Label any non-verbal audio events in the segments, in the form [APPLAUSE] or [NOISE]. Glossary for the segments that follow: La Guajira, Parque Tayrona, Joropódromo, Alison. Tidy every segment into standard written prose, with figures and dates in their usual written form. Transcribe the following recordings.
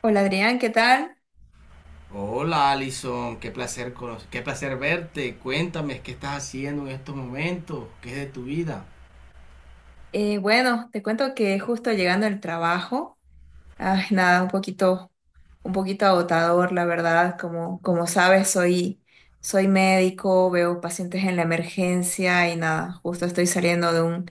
Hola Adrián, ¿qué tal? Hola Alison, qué placer, qué placer verte. Cuéntame qué estás haciendo en estos momentos, qué es de tu vida. Bueno, te cuento que justo llegando del trabajo, ay, nada, un poquito agotador, la verdad. Como sabes, soy médico, veo pacientes en la emergencia y nada, justo estoy saliendo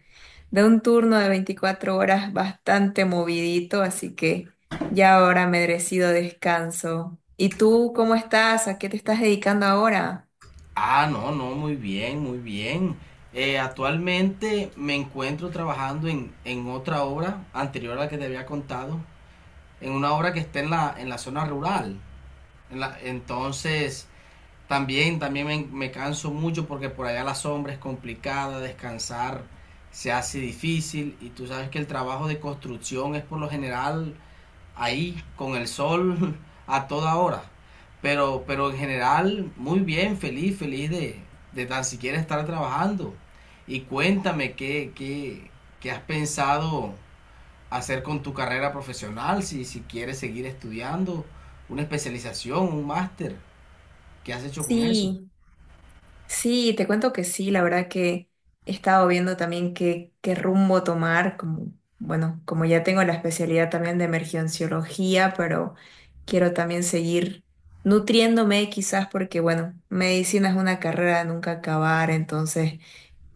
de un turno de 24 horas bastante movidito, así que ya ahora merecido descanso. ¿Y tú cómo estás? ¿A qué te estás dedicando ahora? Ah, no, no, muy bien, muy bien. Actualmente me encuentro trabajando en otra obra anterior a la que te había contado, en una obra que está en la zona rural. Entonces, también me canso mucho porque por allá la sombra es complicada, descansar se hace difícil y tú sabes que el trabajo de construcción es por lo general ahí con el sol [LAUGHS] a toda hora. Pero en general, muy bien, feliz, feliz de tan siquiera estar trabajando. Y cuéntame qué has pensado hacer con tu carrera profesional, si quieres seguir estudiando, una especialización, un máster, ¿qué has hecho con eso? Sí. Sí, te cuento que sí, la verdad que he estado viendo también qué rumbo tomar, como, bueno, como ya tengo la especialidad también de emergenciología, pero quiero también seguir nutriéndome quizás porque, bueno, medicina es una carrera de nunca acabar, entonces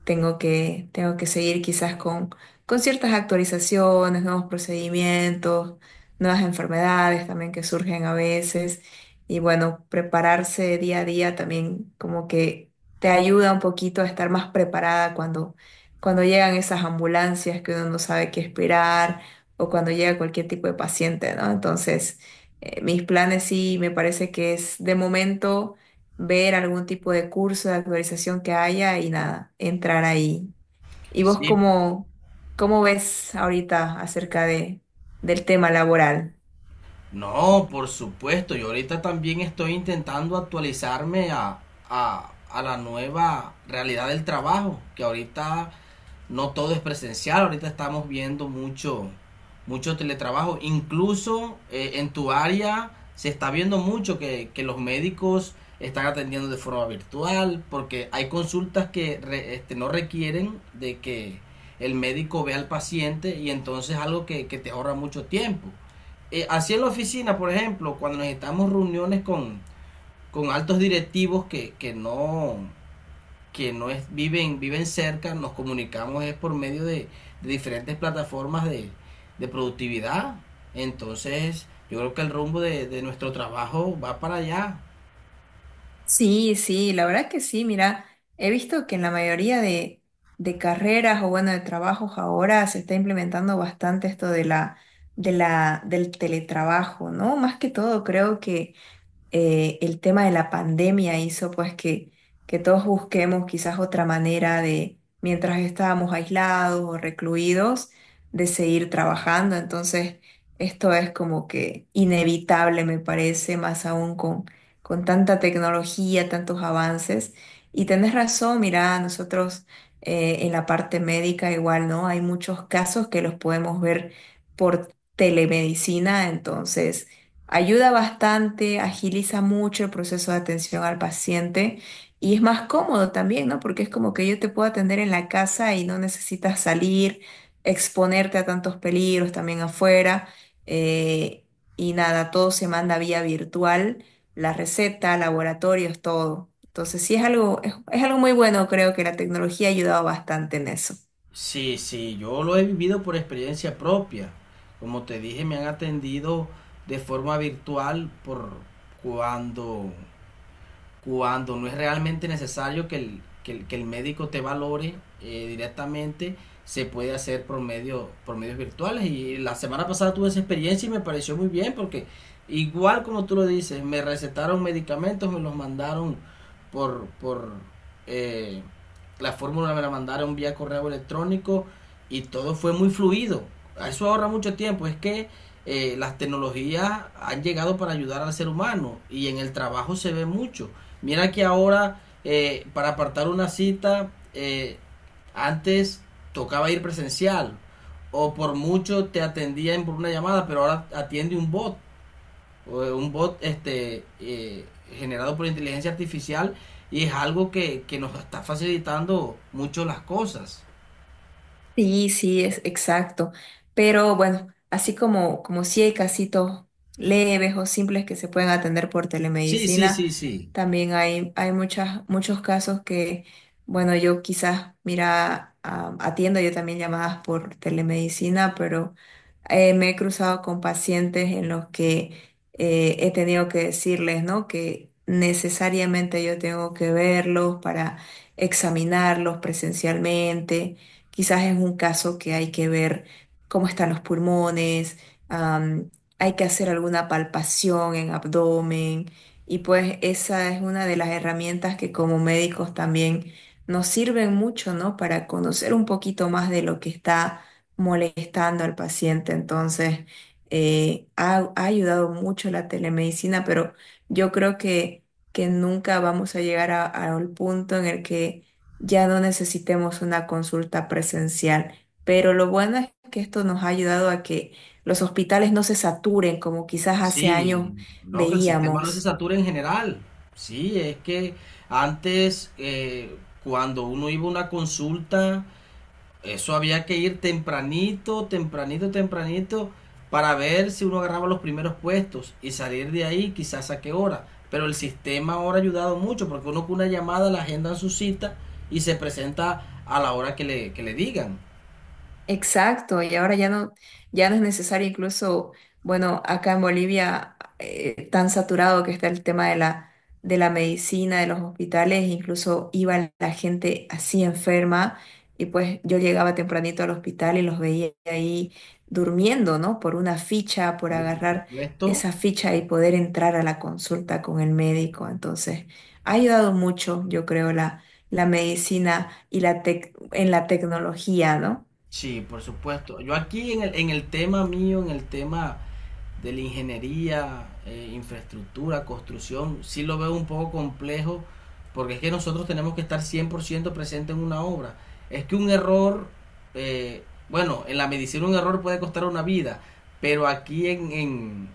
tengo que seguir quizás con ciertas actualizaciones, nuevos procedimientos, nuevas enfermedades también que surgen a veces. Y bueno, prepararse día a día también como que te ayuda un poquito a estar más preparada cuando llegan esas ambulancias que uno no sabe qué esperar o cuando llega cualquier tipo de paciente, ¿no? Entonces, mis planes sí me parece que es de momento ver algún tipo de curso de actualización que haya y nada, entrar ahí. ¿Y vos Sí. Cómo ves ahorita acerca de, del tema laboral? No, por supuesto, yo ahorita también estoy intentando actualizarme a la nueva realidad del trabajo, que ahorita no todo es presencial. Ahorita estamos viendo mucho teletrabajo. Incluso en tu área se está viendo mucho que los médicos están atendiendo de forma virtual, porque hay consultas que no requieren de que el médico vea al paciente y entonces algo que te ahorra mucho tiempo. Así en la oficina, por ejemplo, cuando necesitamos reuniones con altos directivos que no es, viven cerca, nos comunicamos es por medio de diferentes plataformas de productividad. Entonces, yo creo que el rumbo de nuestro trabajo va para allá. Sí, sí, la verdad que sí, mira, he visto que en la mayoría de carreras o bueno, de trabajos ahora se está implementando bastante esto de del teletrabajo, ¿no? Más que todo creo que el tema de la pandemia hizo pues que todos busquemos quizás otra manera de, mientras estábamos aislados o recluidos, de seguir trabajando. Entonces, esto es como que inevitable, me parece, más aún con tanta tecnología, tantos avances. Y tenés razón, mira, nosotros en la parte médica igual, ¿no? Hay muchos casos que los podemos ver por telemedicina, entonces ayuda bastante, agiliza mucho el proceso de atención al paciente y es más cómodo también, ¿no? Porque es como que yo te puedo atender en la casa y no necesitas salir, exponerte a tantos peligros también afuera. eh, y nada, todo se manda vía virtual, la receta, laboratorios, todo. Entonces sí es algo, es algo muy bueno, creo que la tecnología ha ayudado bastante en eso. Sí, sí, yo lo he vivido por experiencia propia. Como te dije, me han atendido de forma virtual por cuando cuando no es realmente necesario que el médico te valore directamente, se puede hacer por medios virtuales. Y la semana pasada tuve esa experiencia y me pareció muy bien porque igual como tú lo dices, me recetaron medicamentos, me los mandaron por eh, la fórmula, me la mandaron vía correo electrónico y todo fue muy fluido. Eso ahorra mucho tiempo. Es que las tecnologías han llegado para ayudar al ser humano y en el trabajo se ve mucho. Mira que ahora, para apartar una cita, antes tocaba ir presencial o por mucho te atendían por una llamada, pero ahora atiende un bot, un bot generado por inteligencia artificial y es algo que nos está facilitando mucho las cosas. Sí, sí, es exacto. Pero bueno, así como, como si hay casitos leves o simples que se pueden atender por Sí, sí, telemedicina, sí, sí. también hay muchas, muchos casos bueno, yo quizás, mira, ah, atiendo yo también llamadas por telemedicina, pero me he cruzado con pacientes en los que he tenido que decirles, ¿no? Que necesariamente yo tengo que verlos para examinarlos presencialmente. Quizás es un caso que hay que ver cómo están los pulmones, am, hay que hacer alguna palpación en abdomen y pues esa es una de las herramientas que como médicos también nos sirven mucho, ¿no? Para conocer un poquito más de lo que está molestando al paciente. Entonces, ha ayudado mucho la telemedicina, pero yo creo que nunca vamos a llegar al punto en el que ya no necesitemos una consulta presencial. Pero lo bueno es que esto nos ha ayudado a que los hospitales no se saturen como quizás hace años Sí, no, que el sistema no se veíamos. satura en general. Sí, es que antes, cuando uno iba a una consulta, eso había que ir tempranito, tempranito, tempranito para ver si uno agarraba los primeros puestos y salir de ahí quizás a qué hora. Pero el sistema ahora ha ayudado mucho porque uno con una llamada la agenda en su cita y se presenta a la hora que le digan. Exacto, y ahora ya no, ya no es necesario incluso, bueno, acá en Bolivia, tan saturado que está el tema de de la medicina, de los hospitales, incluso iba la gente así enferma y pues yo llegaba tempranito al hospital y los veía ahí durmiendo, ¿no? Por una ficha, por Sí, por agarrar supuesto. esa ficha y poder entrar a la consulta con el médico. Entonces, ha ayudado mucho, yo creo, la medicina y la en la tecnología, ¿no? Sí, por supuesto. Yo aquí en el tema mío, en el tema de la ingeniería, infraestructura, construcción, sí lo veo un poco complejo, porque es que nosotros tenemos que estar 100% presente en una obra. Es que un error, eh, bueno, en la medicina un error puede costar una vida, pero aquí en, en,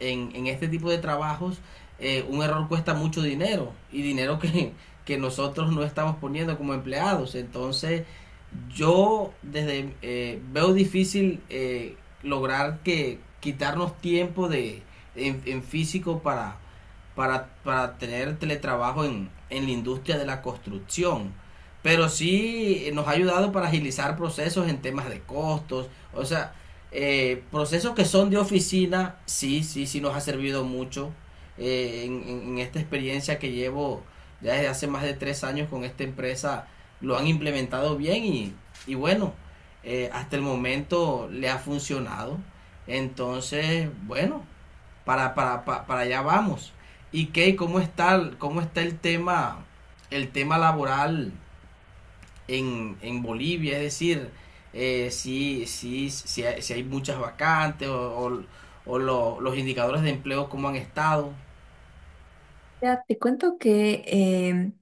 en, en este tipo de trabajos un error cuesta mucho dinero y dinero que nosotros no estamos poniendo como empleados. Entonces, yo desde veo difícil lograr que quitarnos tiempo de en físico para tener teletrabajo en la industria de la construcción. Pero sí nos ha ayudado para agilizar procesos en temas de costos. O sea, procesos que son de oficina, sí, sí, sí nos ha servido mucho en esta experiencia que llevo ya desde hace más de 3 años con esta empresa. Lo han implementado bien y bueno, hasta el momento le ha funcionado. Entonces, bueno, para allá vamos. ¿Y qué? ¿Cómo está el tema laboral en Bolivia? Es decir, si hay muchas vacantes o los indicadores de empleo, ¿cómo han estado? Ya, te cuento que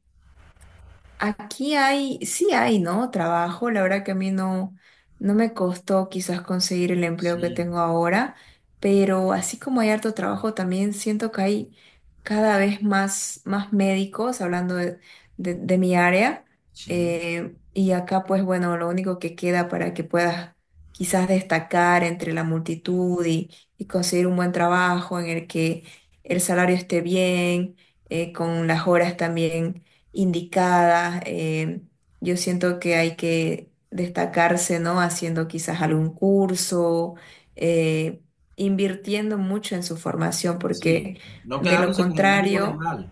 aquí hay, sí hay, ¿no? Trabajo. La verdad que a mí no, no me costó quizás conseguir el empleo que Sí, tengo ahora, pero así como hay harto trabajo, también siento que hay cada vez más, más médicos, hablando de mi área. sí, Y acá, pues bueno, lo único que queda para que puedas quizás destacar entre la multitud y conseguir un buen trabajo en el que el salario esté bien, con las horas también indicada. Yo siento que hay que destacarse, ¿no? Haciendo quizás algún curso, eh, invirtiendo mucho en su formación, sí. porque No de lo quedándose como un médico contrario general,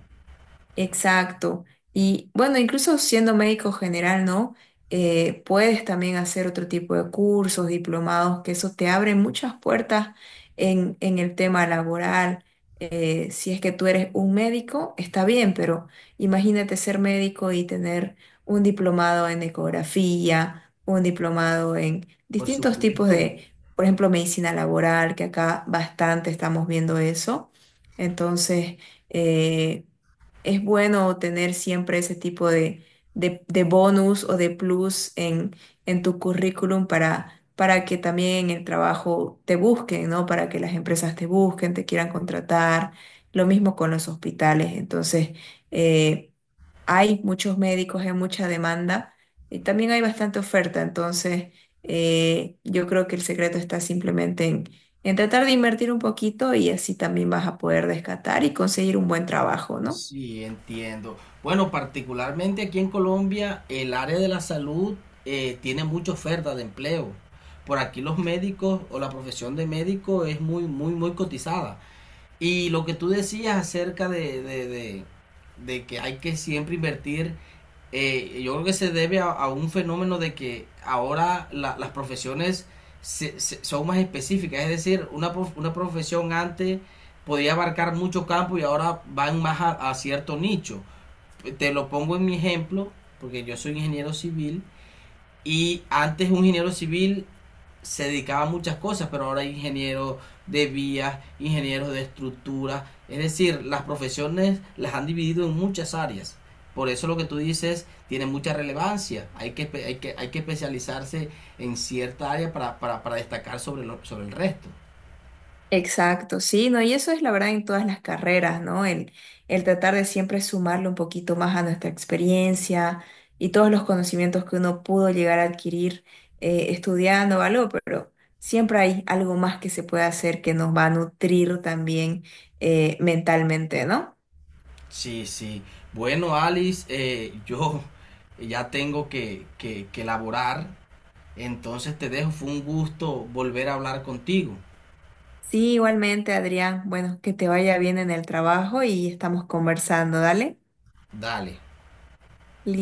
exacto. Y bueno, incluso siendo médico general, ¿no? Puedes también hacer otro tipo de cursos, diplomados, que eso te abre muchas puertas en el tema laboral. Si es que tú eres un médico, está bien, pero imagínate ser médico y tener un diplomado en ecografía, un diplomado en por distintos tipos supuesto. de, por ejemplo, medicina laboral, que acá bastante estamos viendo eso. Entonces, eh, es bueno tener siempre ese tipo de bonus o de plus en tu currículum, para que también en el trabajo te busquen, ¿no? Para que las empresas te busquen, te quieran contratar. Lo mismo con los hospitales. Entonces, eh, hay muchos médicos, hay mucha demanda y también hay bastante oferta. Entonces, yo creo que el secreto está simplemente en tratar de invertir un poquito y así también vas a poder rescatar y conseguir un buen trabajo, ¿no? Sí, entiendo. Bueno, particularmente aquí en Colombia, el área de la salud tiene mucha oferta de empleo. Por aquí los médicos o la profesión de médico es muy, muy, muy cotizada. Y lo que tú decías acerca de que hay que siempre invertir, yo creo que se debe a un fenómeno de que ahora las profesiones son más específicas, es decir, una profesión antes podía abarcar mucho campo y ahora van más a cierto nicho. Te lo pongo en mi ejemplo, porque yo soy ingeniero civil y antes un ingeniero civil se dedicaba a muchas cosas, pero ahora hay ingenieros de vías, ingenieros de estructuras, es decir, las profesiones las han dividido en muchas áreas. Por eso lo que tú dices tiene mucha relevancia. Hay que especializarse en cierta área para destacar sobre el resto. Exacto, sí, ¿no? Y eso es la verdad en todas las carreras, ¿no? El tratar de siempre sumarle un poquito más a nuestra experiencia y todos los conocimientos que uno pudo llegar a adquirir estudiando o algo, pero siempre hay algo más que se puede hacer que nos va a nutrir también mentalmente, ¿no? Sí, sí. Bueno, Alice, yo ya tengo que elaborar. Entonces te dejo. Fue un gusto volver a hablar contigo. Sí, igualmente, Adrián, bueno, que te vaya bien en el trabajo y estamos conversando, dale. Dale.